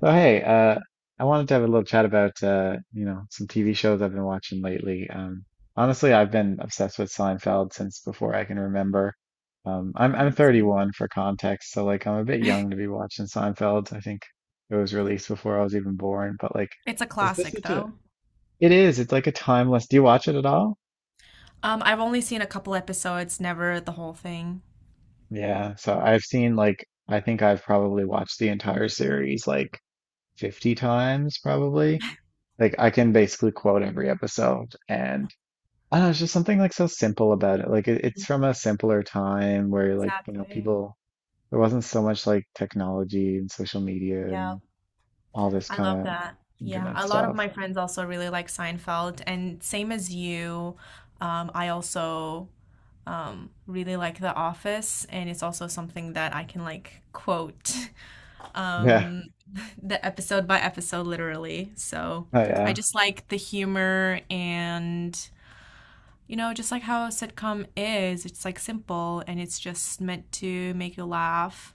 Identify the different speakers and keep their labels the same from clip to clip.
Speaker 1: So hey, I wanted to have a little chat about some TV shows I've been watching lately. Honestly, I've been obsessed with Seinfeld since before I can remember. I'm
Speaker 2: Oh,
Speaker 1: I'm
Speaker 2: I see.
Speaker 1: 31 for context, so like I'm a bit young to be watching Seinfeld. I think it was released before I was even born, but like,
Speaker 2: It's a
Speaker 1: is this
Speaker 2: classic
Speaker 1: such a?
Speaker 2: though.
Speaker 1: It is. It's like a timeless. Do you watch it at all?
Speaker 2: I've only seen a couple episodes, never the whole thing.
Speaker 1: Yeah. So I've seen like I think I've probably watched the entire series like 50 times probably. Like I can basically quote every episode and I don't know, it's just something like so simple about it. Like it's
Speaker 2: Mhm.
Speaker 1: from a simpler time where
Speaker 2: Exactly.
Speaker 1: people there wasn't so much like technology and social media
Speaker 2: Yeah,
Speaker 1: and all this
Speaker 2: I
Speaker 1: kind
Speaker 2: love
Speaker 1: of
Speaker 2: that. Yeah,
Speaker 1: internet
Speaker 2: a lot of
Speaker 1: stuff.
Speaker 2: my friends also really like Seinfeld, and same as you, I also really like The Office, and it's also something that I can like quote
Speaker 1: Yeah.
Speaker 2: um, the episode by episode literally. So
Speaker 1: Oh yeah.
Speaker 2: I
Speaker 1: It
Speaker 2: just like the humor and just like how a sitcom is, it's like simple and it's just meant to make you laugh,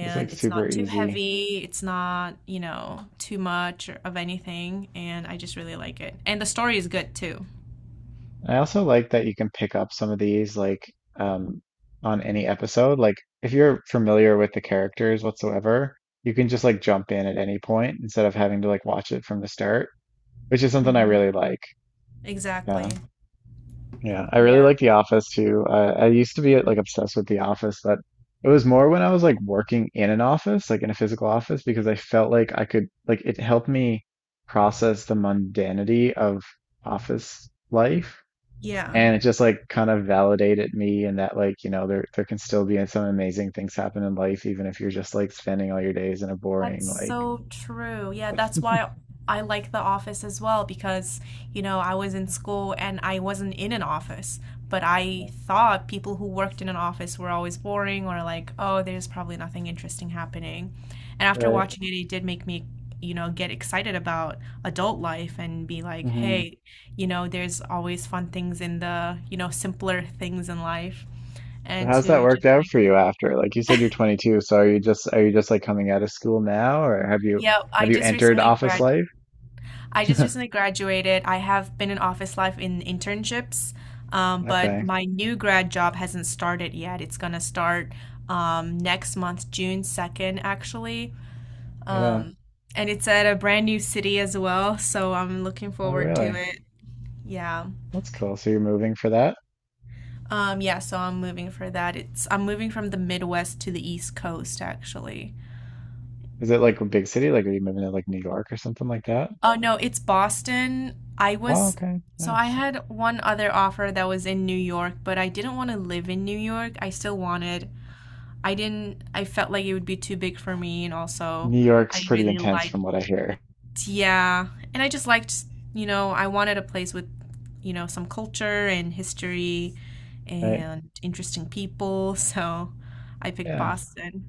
Speaker 1: was like
Speaker 2: it's
Speaker 1: super
Speaker 2: not too
Speaker 1: easy.
Speaker 2: heavy, it's not too much of anything, and I just really like it. And the story is good too.
Speaker 1: I also like that you can pick up some of these like um on any episode. Like if you're familiar with the characters whatsoever, you can just like jump in at any point instead of having to like watch it from the start, which is something I
Speaker 2: Hmm.
Speaker 1: really like.
Speaker 2: Exactly.
Speaker 1: Yeah. Yeah. I really
Speaker 2: Yeah.
Speaker 1: like The Office too. I used to be
Speaker 2: Mhm.
Speaker 1: like obsessed with The Office, but it was more when I was like working in an office, like in a physical office, because I felt like I could, like, it helped me process the mundanity of office life.
Speaker 2: Yeah.
Speaker 1: And it just like kind of validated me in that like, you know, there can still be some amazing things happen in life, even if you're just like spending all your days in a
Speaker 2: That's
Speaker 1: boring like,
Speaker 2: so true. Yeah, that's why I like the office as well because I was in school and I wasn't in an office, but I
Speaker 1: you
Speaker 2: thought people who worked in an office were always boring, or like, oh, there's probably nothing interesting happening. And after
Speaker 1: know,
Speaker 2: watching it, it did make me get excited about adult life and be like,
Speaker 1: right.
Speaker 2: hey, there's always fun things in the simpler things in life. And
Speaker 1: How's that
Speaker 2: to
Speaker 1: worked
Speaker 2: just
Speaker 1: out
Speaker 2: like,
Speaker 1: for you after? Like you said you're 22, so are you just like coming out of school now or have you
Speaker 2: yeah,
Speaker 1: have
Speaker 2: I
Speaker 1: you
Speaker 2: just
Speaker 1: entered
Speaker 2: recently
Speaker 1: office
Speaker 2: graduated.
Speaker 1: life?
Speaker 2: I just recently graduated. I have been in office life in internships, but
Speaker 1: Okay.
Speaker 2: my new grad job hasn't started yet. It's gonna start next month, June 2nd, actually.
Speaker 1: Yeah.
Speaker 2: Um, and it's at a brand new city as well, so I'm looking
Speaker 1: Oh,
Speaker 2: forward to
Speaker 1: really?
Speaker 2: it. Yeah.
Speaker 1: That's cool. So you're moving for that?
Speaker 2: Yeah, so I'm moving for that. It's I'm moving from the Midwest to the East Coast, actually.
Speaker 1: Is it like a big city? Like are you moving to like New York or something like that?
Speaker 2: Oh no, it's Boston. I
Speaker 1: Oh,
Speaker 2: was
Speaker 1: okay.
Speaker 2: So I
Speaker 1: Nice.
Speaker 2: had one other offer that was in New York, but I didn't want to live in New York. I still wanted. I didn't I felt like it would be too big for me, and also
Speaker 1: New
Speaker 2: I
Speaker 1: York's pretty
Speaker 2: really
Speaker 1: intense
Speaker 2: liked,
Speaker 1: from what I hear,
Speaker 2: yeah, and I just liked, I wanted a place with some culture and history
Speaker 1: right?
Speaker 2: and interesting people, so I picked
Speaker 1: Yeah.
Speaker 2: Boston.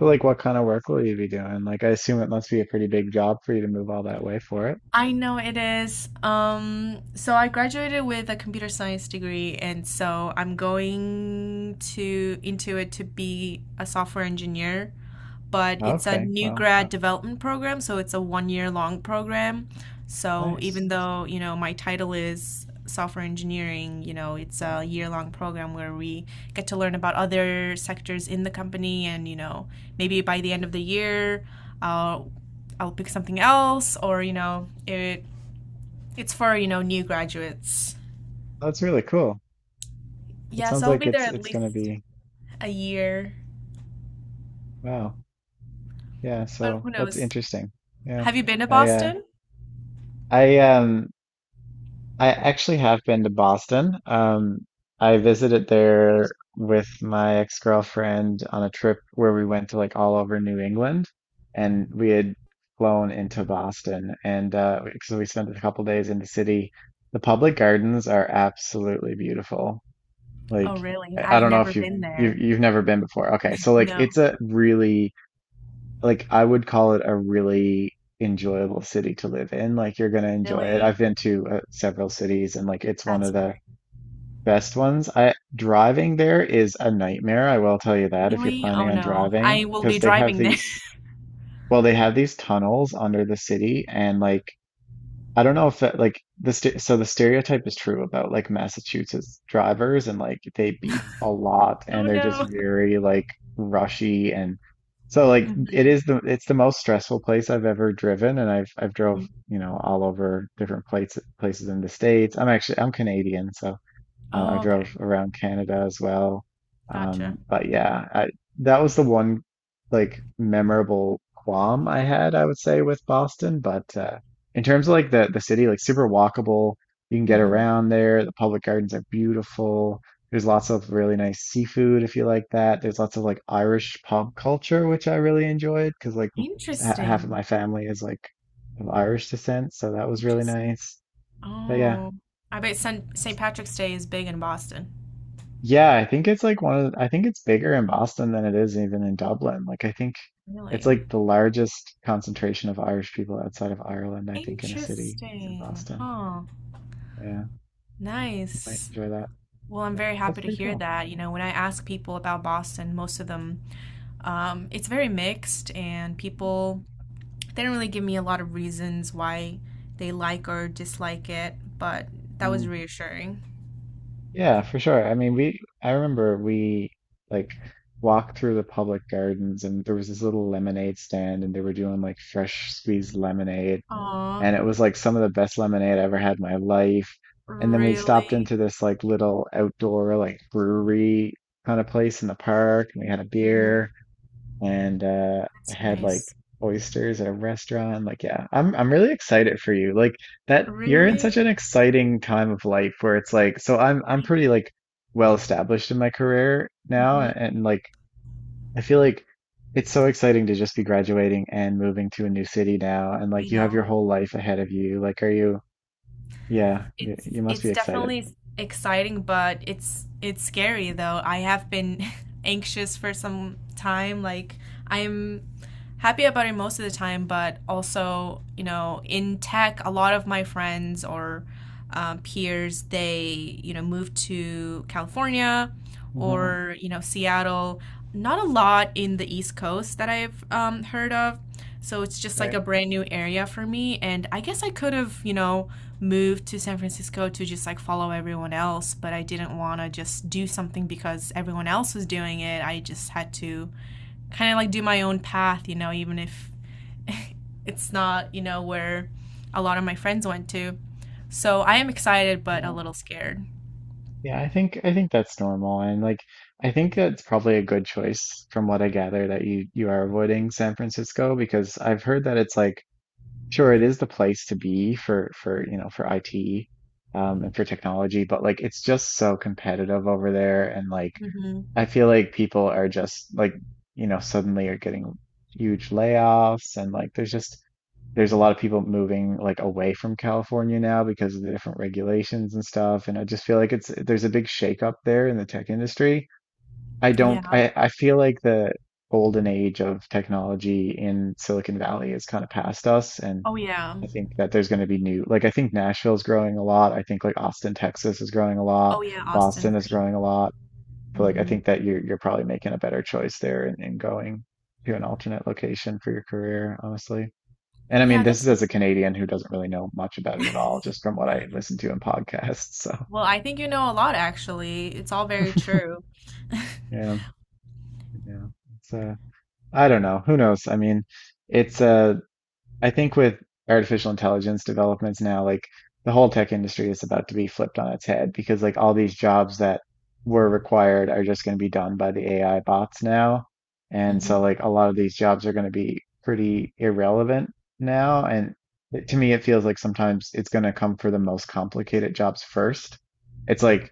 Speaker 1: So like what kind of work will you be doing? Like I assume it must be a pretty big job for you to move all that way for it.
Speaker 2: I know it is. So I graduated with a computer science degree, and so I'm going to into it to be a software engineer, but it's a
Speaker 1: Okay.
Speaker 2: new
Speaker 1: Well,
Speaker 2: grad development program, so it's a one year long program. So
Speaker 1: nice.
Speaker 2: even though, my title is software engineering, it's a
Speaker 1: Mhm.
Speaker 2: year long program where we get to learn about other sectors in the company and, maybe by the end of the year, I'll I'll pick something else, or it's for new graduates.
Speaker 1: That's really cool. It
Speaker 2: Yeah,
Speaker 1: sounds
Speaker 2: so I'll
Speaker 1: like
Speaker 2: be there
Speaker 1: it's
Speaker 2: at
Speaker 1: it's gonna
Speaker 2: least
Speaker 1: be.
Speaker 2: a year.
Speaker 1: Wow. Yeah,
Speaker 2: But
Speaker 1: so
Speaker 2: who
Speaker 1: that's
Speaker 2: knows?
Speaker 1: interesting. Yeah.
Speaker 2: Have you been to
Speaker 1: I uh
Speaker 2: Boston?
Speaker 1: I um I actually have been to Boston. I visited there with my ex-girlfriend on a trip where we went to like all over New England, and we had flown into Boston, and so we spent a couple days in the city. The public gardens are absolutely beautiful.
Speaker 2: Oh,
Speaker 1: Like
Speaker 2: really?
Speaker 1: I
Speaker 2: I've
Speaker 1: don't know
Speaker 2: never
Speaker 1: if you've
Speaker 2: been
Speaker 1: you've
Speaker 2: there.
Speaker 1: you've never been before. Okay, so like
Speaker 2: No.
Speaker 1: it's a really like I would call it a really enjoyable city to live in. Like you're gonna enjoy it.
Speaker 2: Really?
Speaker 1: I've been to several cities and like it's one
Speaker 2: That's
Speaker 1: of the
Speaker 2: great.
Speaker 1: best ones. I driving there is a nightmare, I will tell you that if you're
Speaker 2: Really? Oh
Speaker 1: planning on
Speaker 2: no.
Speaker 1: driving,
Speaker 2: I will be
Speaker 1: because they have
Speaker 2: driving there.
Speaker 1: these well, they have these tunnels under the city and like I don't know if that like the st so the stereotype is true about like Massachusetts drivers and like they beep a lot
Speaker 2: Oh
Speaker 1: and they're just
Speaker 2: no.
Speaker 1: very like rushy, and so like
Speaker 2: Mhm,
Speaker 1: it's the most stressful place I've ever driven, and I've drove,
Speaker 2: mhm.
Speaker 1: you know, all over different places in the States. I'm Canadian, so I
Speaker 2: Oh,
Speaker 1: drove
Speaker 2: okay.
Speaker 1: around Canada as well.
Speaker 2: Gotcha.
Speaker 1: But yeah, that was the one like memorable qualm I had, I would say, with Boston. But in terms of like the city, like super walkable, you can get
Speaker 2: Hmm.
Speaker 1: around there. The public gardens are beautiful. There's lots of really nice seafood if you like that. There's lots of like Irish pub culture, which I really enjoyed because like m- ha half of my
Speaker 2: Interesting.
Speaker 1: family is like of Irish descent, so that was really
Speaker 2: Interesting.
Speaker 1: nice. But yeah.
Speaker 2: Oh, I bet St. Patrick's Day is big in Boston.
Speaker 1: Yeah, I think it's like one of the, I think it's bigger in Boston than it is even in Dublin. Like I think it's
Speaker 2: Really?
Speaker 1: like the largest concentration of Irish people outside of Ireland, I think, in a city is in
Speaker 2: Interesting.
Speaker 1: Boston.
Speaker 2: Huh.
Speaker 1: Yeah. So you might
Speaker 2: Nice.
Speaker 1: enjoy that.
Speaker 2: Well, I'm
Speaker 1: Yeah.
Speaker 2: very
Speaker 1: That's
Speaker 2: happy to
Speaker 1: pretty
Speaker 2: hear
Speaker 1: cool.
Speaker 2: that. When I ask people about Boston, most of them, it's very mixed, and people they didn't really give me a lot of reasons why they like or dislike it, but that was
Speaker 1: Mm,
Speaker 2: reassuring.
Speaker 1: yeah, for sure. I mean, we I remember we like walked through the public gardens, and there was this little lemonade stand, and they were doing like fresh squeezed lemonade,
Speaker 2: Aw,
Speaker 1: and it was like some of the best lemonade I ever had in my life. And then we stopped
Speaker 2: really?
Speaker 1: into this like little outdoor like brewery kind of place in the park, and we had a
Speaker 2: Hmm.
Speaker 1: beer and
Speaker 2: That's
Speaker 1: had like
Speaker 2: nice.
Speaker 1: oysters at a restaurant. Like, yeah, I'm really excited for you. Like that you're in
Speaker 2: Really?
Speaker 1: such an exciting time of life where it's like so I'm
Speaker 2: I
Speaker 1: pretty like well established in my career now,
Speaker 2: hmm
Speaker 1: and like I feel like it's so exciting to just be graduating and moving to a new city now, and
Speaker 2: I
Speaker 1: like you have
Speaker 2: know.
Speaker 1: your whole life ahead of you. Like, are you? Yeah,
Speaker 2: It's
Speaker 1: you must be
Speaker 2: it's
Speaker 1: excited.
Speaker 2: definitely exciting, but it's scary though. I have been anxious for some time. Like, I'm happy about it most of the time, but also, in tech, a lot of my friends or peers, they moved to California,
Speaker 1: Hmm.
Speaker 2: or Seattle. Not a lot in the East Coast that I've heard of. So it's just like
Speaker 1: Right.
Speaker 2: a brand new area for me. And I guess I could have moved to San Francisco to just like follow everyone else, but I didn't want to just do something because everyone else was doing it. I just had to kind of like do my own path, even if it's not where a lot of my friends went to. So I am excited, but a
Speaker 1: Yeah.
Speaker 2: little scared.
Speaker 1: Yeah, I think that's normal, and like I think that's probably a good choice from what I gather that you are avoiding San Francisco, because I've heard that it's like sure it is the place to be for you know for IT, and for technology, but like it's just so competitive over there, and like
Speaker 2: Hmm.
Speaker 1: I feel like people are just like, you know, suddenly are getting huge layoffs, and like there's just there's a lot of people moving like away from California now because of the different regulations and stuff. And I just feel like it's there's a big shakeup there in the tech industry. I don't
Speaker 2: Yeah.
Speaker 1: I feel like the golden age of technology in Silicon Valley is kind of past us, and
Speaker 2: Oh, yeah.
Speaker 1: I think that there's going to be new like I think Nashville's growing a lot. I think like Austin, Texas is growing a lot.
Speaker 2: Oh, yeah. Austin
Speaker 1: Boston is
Speaker 2: for sure.
Speaker 1: growing a lot. So like I
Speaker 2: Hmm.
Speaker 1: think that you're probably making a better choice there in going to an alternate location for your career, honestly. And I mean,
Speaker 2: Yeah,
Speaker 1: this is
Speaker 2: that's nice.
Speaker 1: as a Canadian who doesn't really know much about it at all, just from what I listen to in podcasts. So
Speaker 2: Well, I think you know a lot, actually. It's all very true.
Speaker 1: yeah, yeah. It's I don't know. Who knows? I mean, it's I think with artificial intelligence developments now, like the whole tech industry is about to be flipped on its head, because like all these jobs that were required are just going to be done by the AI bots now. And so
Speaker 2: Hmm.
Speaker 1: like a lot of these jobs are going to be pretty irrelevant now. And it- to me, it feels like sometimes it's going to come for the most complicated jobs first. It's like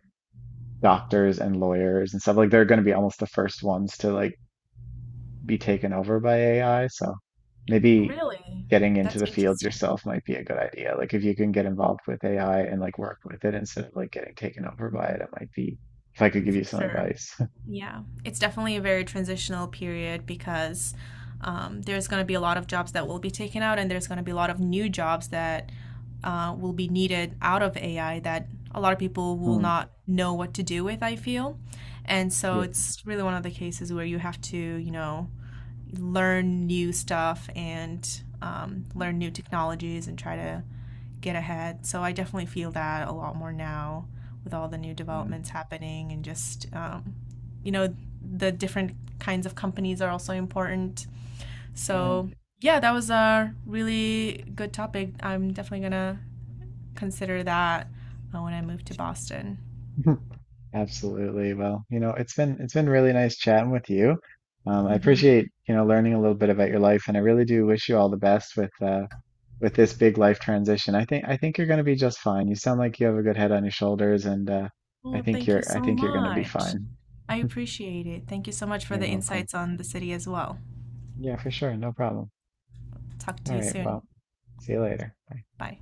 Speaker 1: doctors and lawyers and stuff like they're going to be almost the first ones to like be taken over by AI. So maybe
Speaker 2: Really?
Speaker 1: getting into
Speaker 2: That's
Speaker 1: the field
Speaker 2: interesting.
Speaker 1: yourself might be a good idea. Like if you can get involved with AI and like work with it instead of like getting taken over by it,
Speaker 2: Mhm.
Speaker 1: it might be if I could give
Speaker 2: For
Speaker 1: you some
Speaker 2: sure.
Speaker 1: advice.
Speaker 2: Yeah. It's definitely a very transitional period because there's going to be a lot of jobs that will be taken out, and there's going to be a lot of new jobs that will be needed out of AI that a lot of people will
Speaker 1: Hmm.
Speaker 2: not know what to do with, I feel. And so
Speaker 1: Yeah.
Speaker 2: it's really one of the cases where you have to learn new stuff and
Speaker 1: Mhm.
Speaker 2: learn new technologies and try to get ahead. So I definitely feel that a lot more now with all the new developments happening and just you know, the different kinds of companies are also important.
Speaker 1: Yeah.
Speaker 2: So yeah, that was a really good topic. I'm definitely gonna consider that when I move to Boston.
Speaker 1: Yeah. Absolutely. Well, you know, it's been really nice chatting with you. I
Speaker 2: Hmm.
Speaker 1: appreciate, you know, learning a little bit about your life, and I really do wish you all the best with this big life transition. I think you're going to be just fine. You sound like you have a good head on your shoulders, and uh, I
Speaker 2: Well,
Speaker 1: think
Speaker 2: thank you
Speaker 1: you're I
Speaker 2: so
Speaker 1: think you're going to be
Speaker 2: much.
Speaker 1: fine.
Speaker 2: I appreciate it. Thank you so much for
Speaker 1: You're
Speaker 2: the
Speaker 1: welcome.
Speaker 2: insights on the city as well.
Speaker 1: Yeah, for sure. No problem.
Speaker 2: Talk to
Speaker 1: All
Speaker 2: you
Speaker 1: right.
Speaker 2: soon.
Speaker 1: Well, see you later. Bye.
Speaker 2: Bye.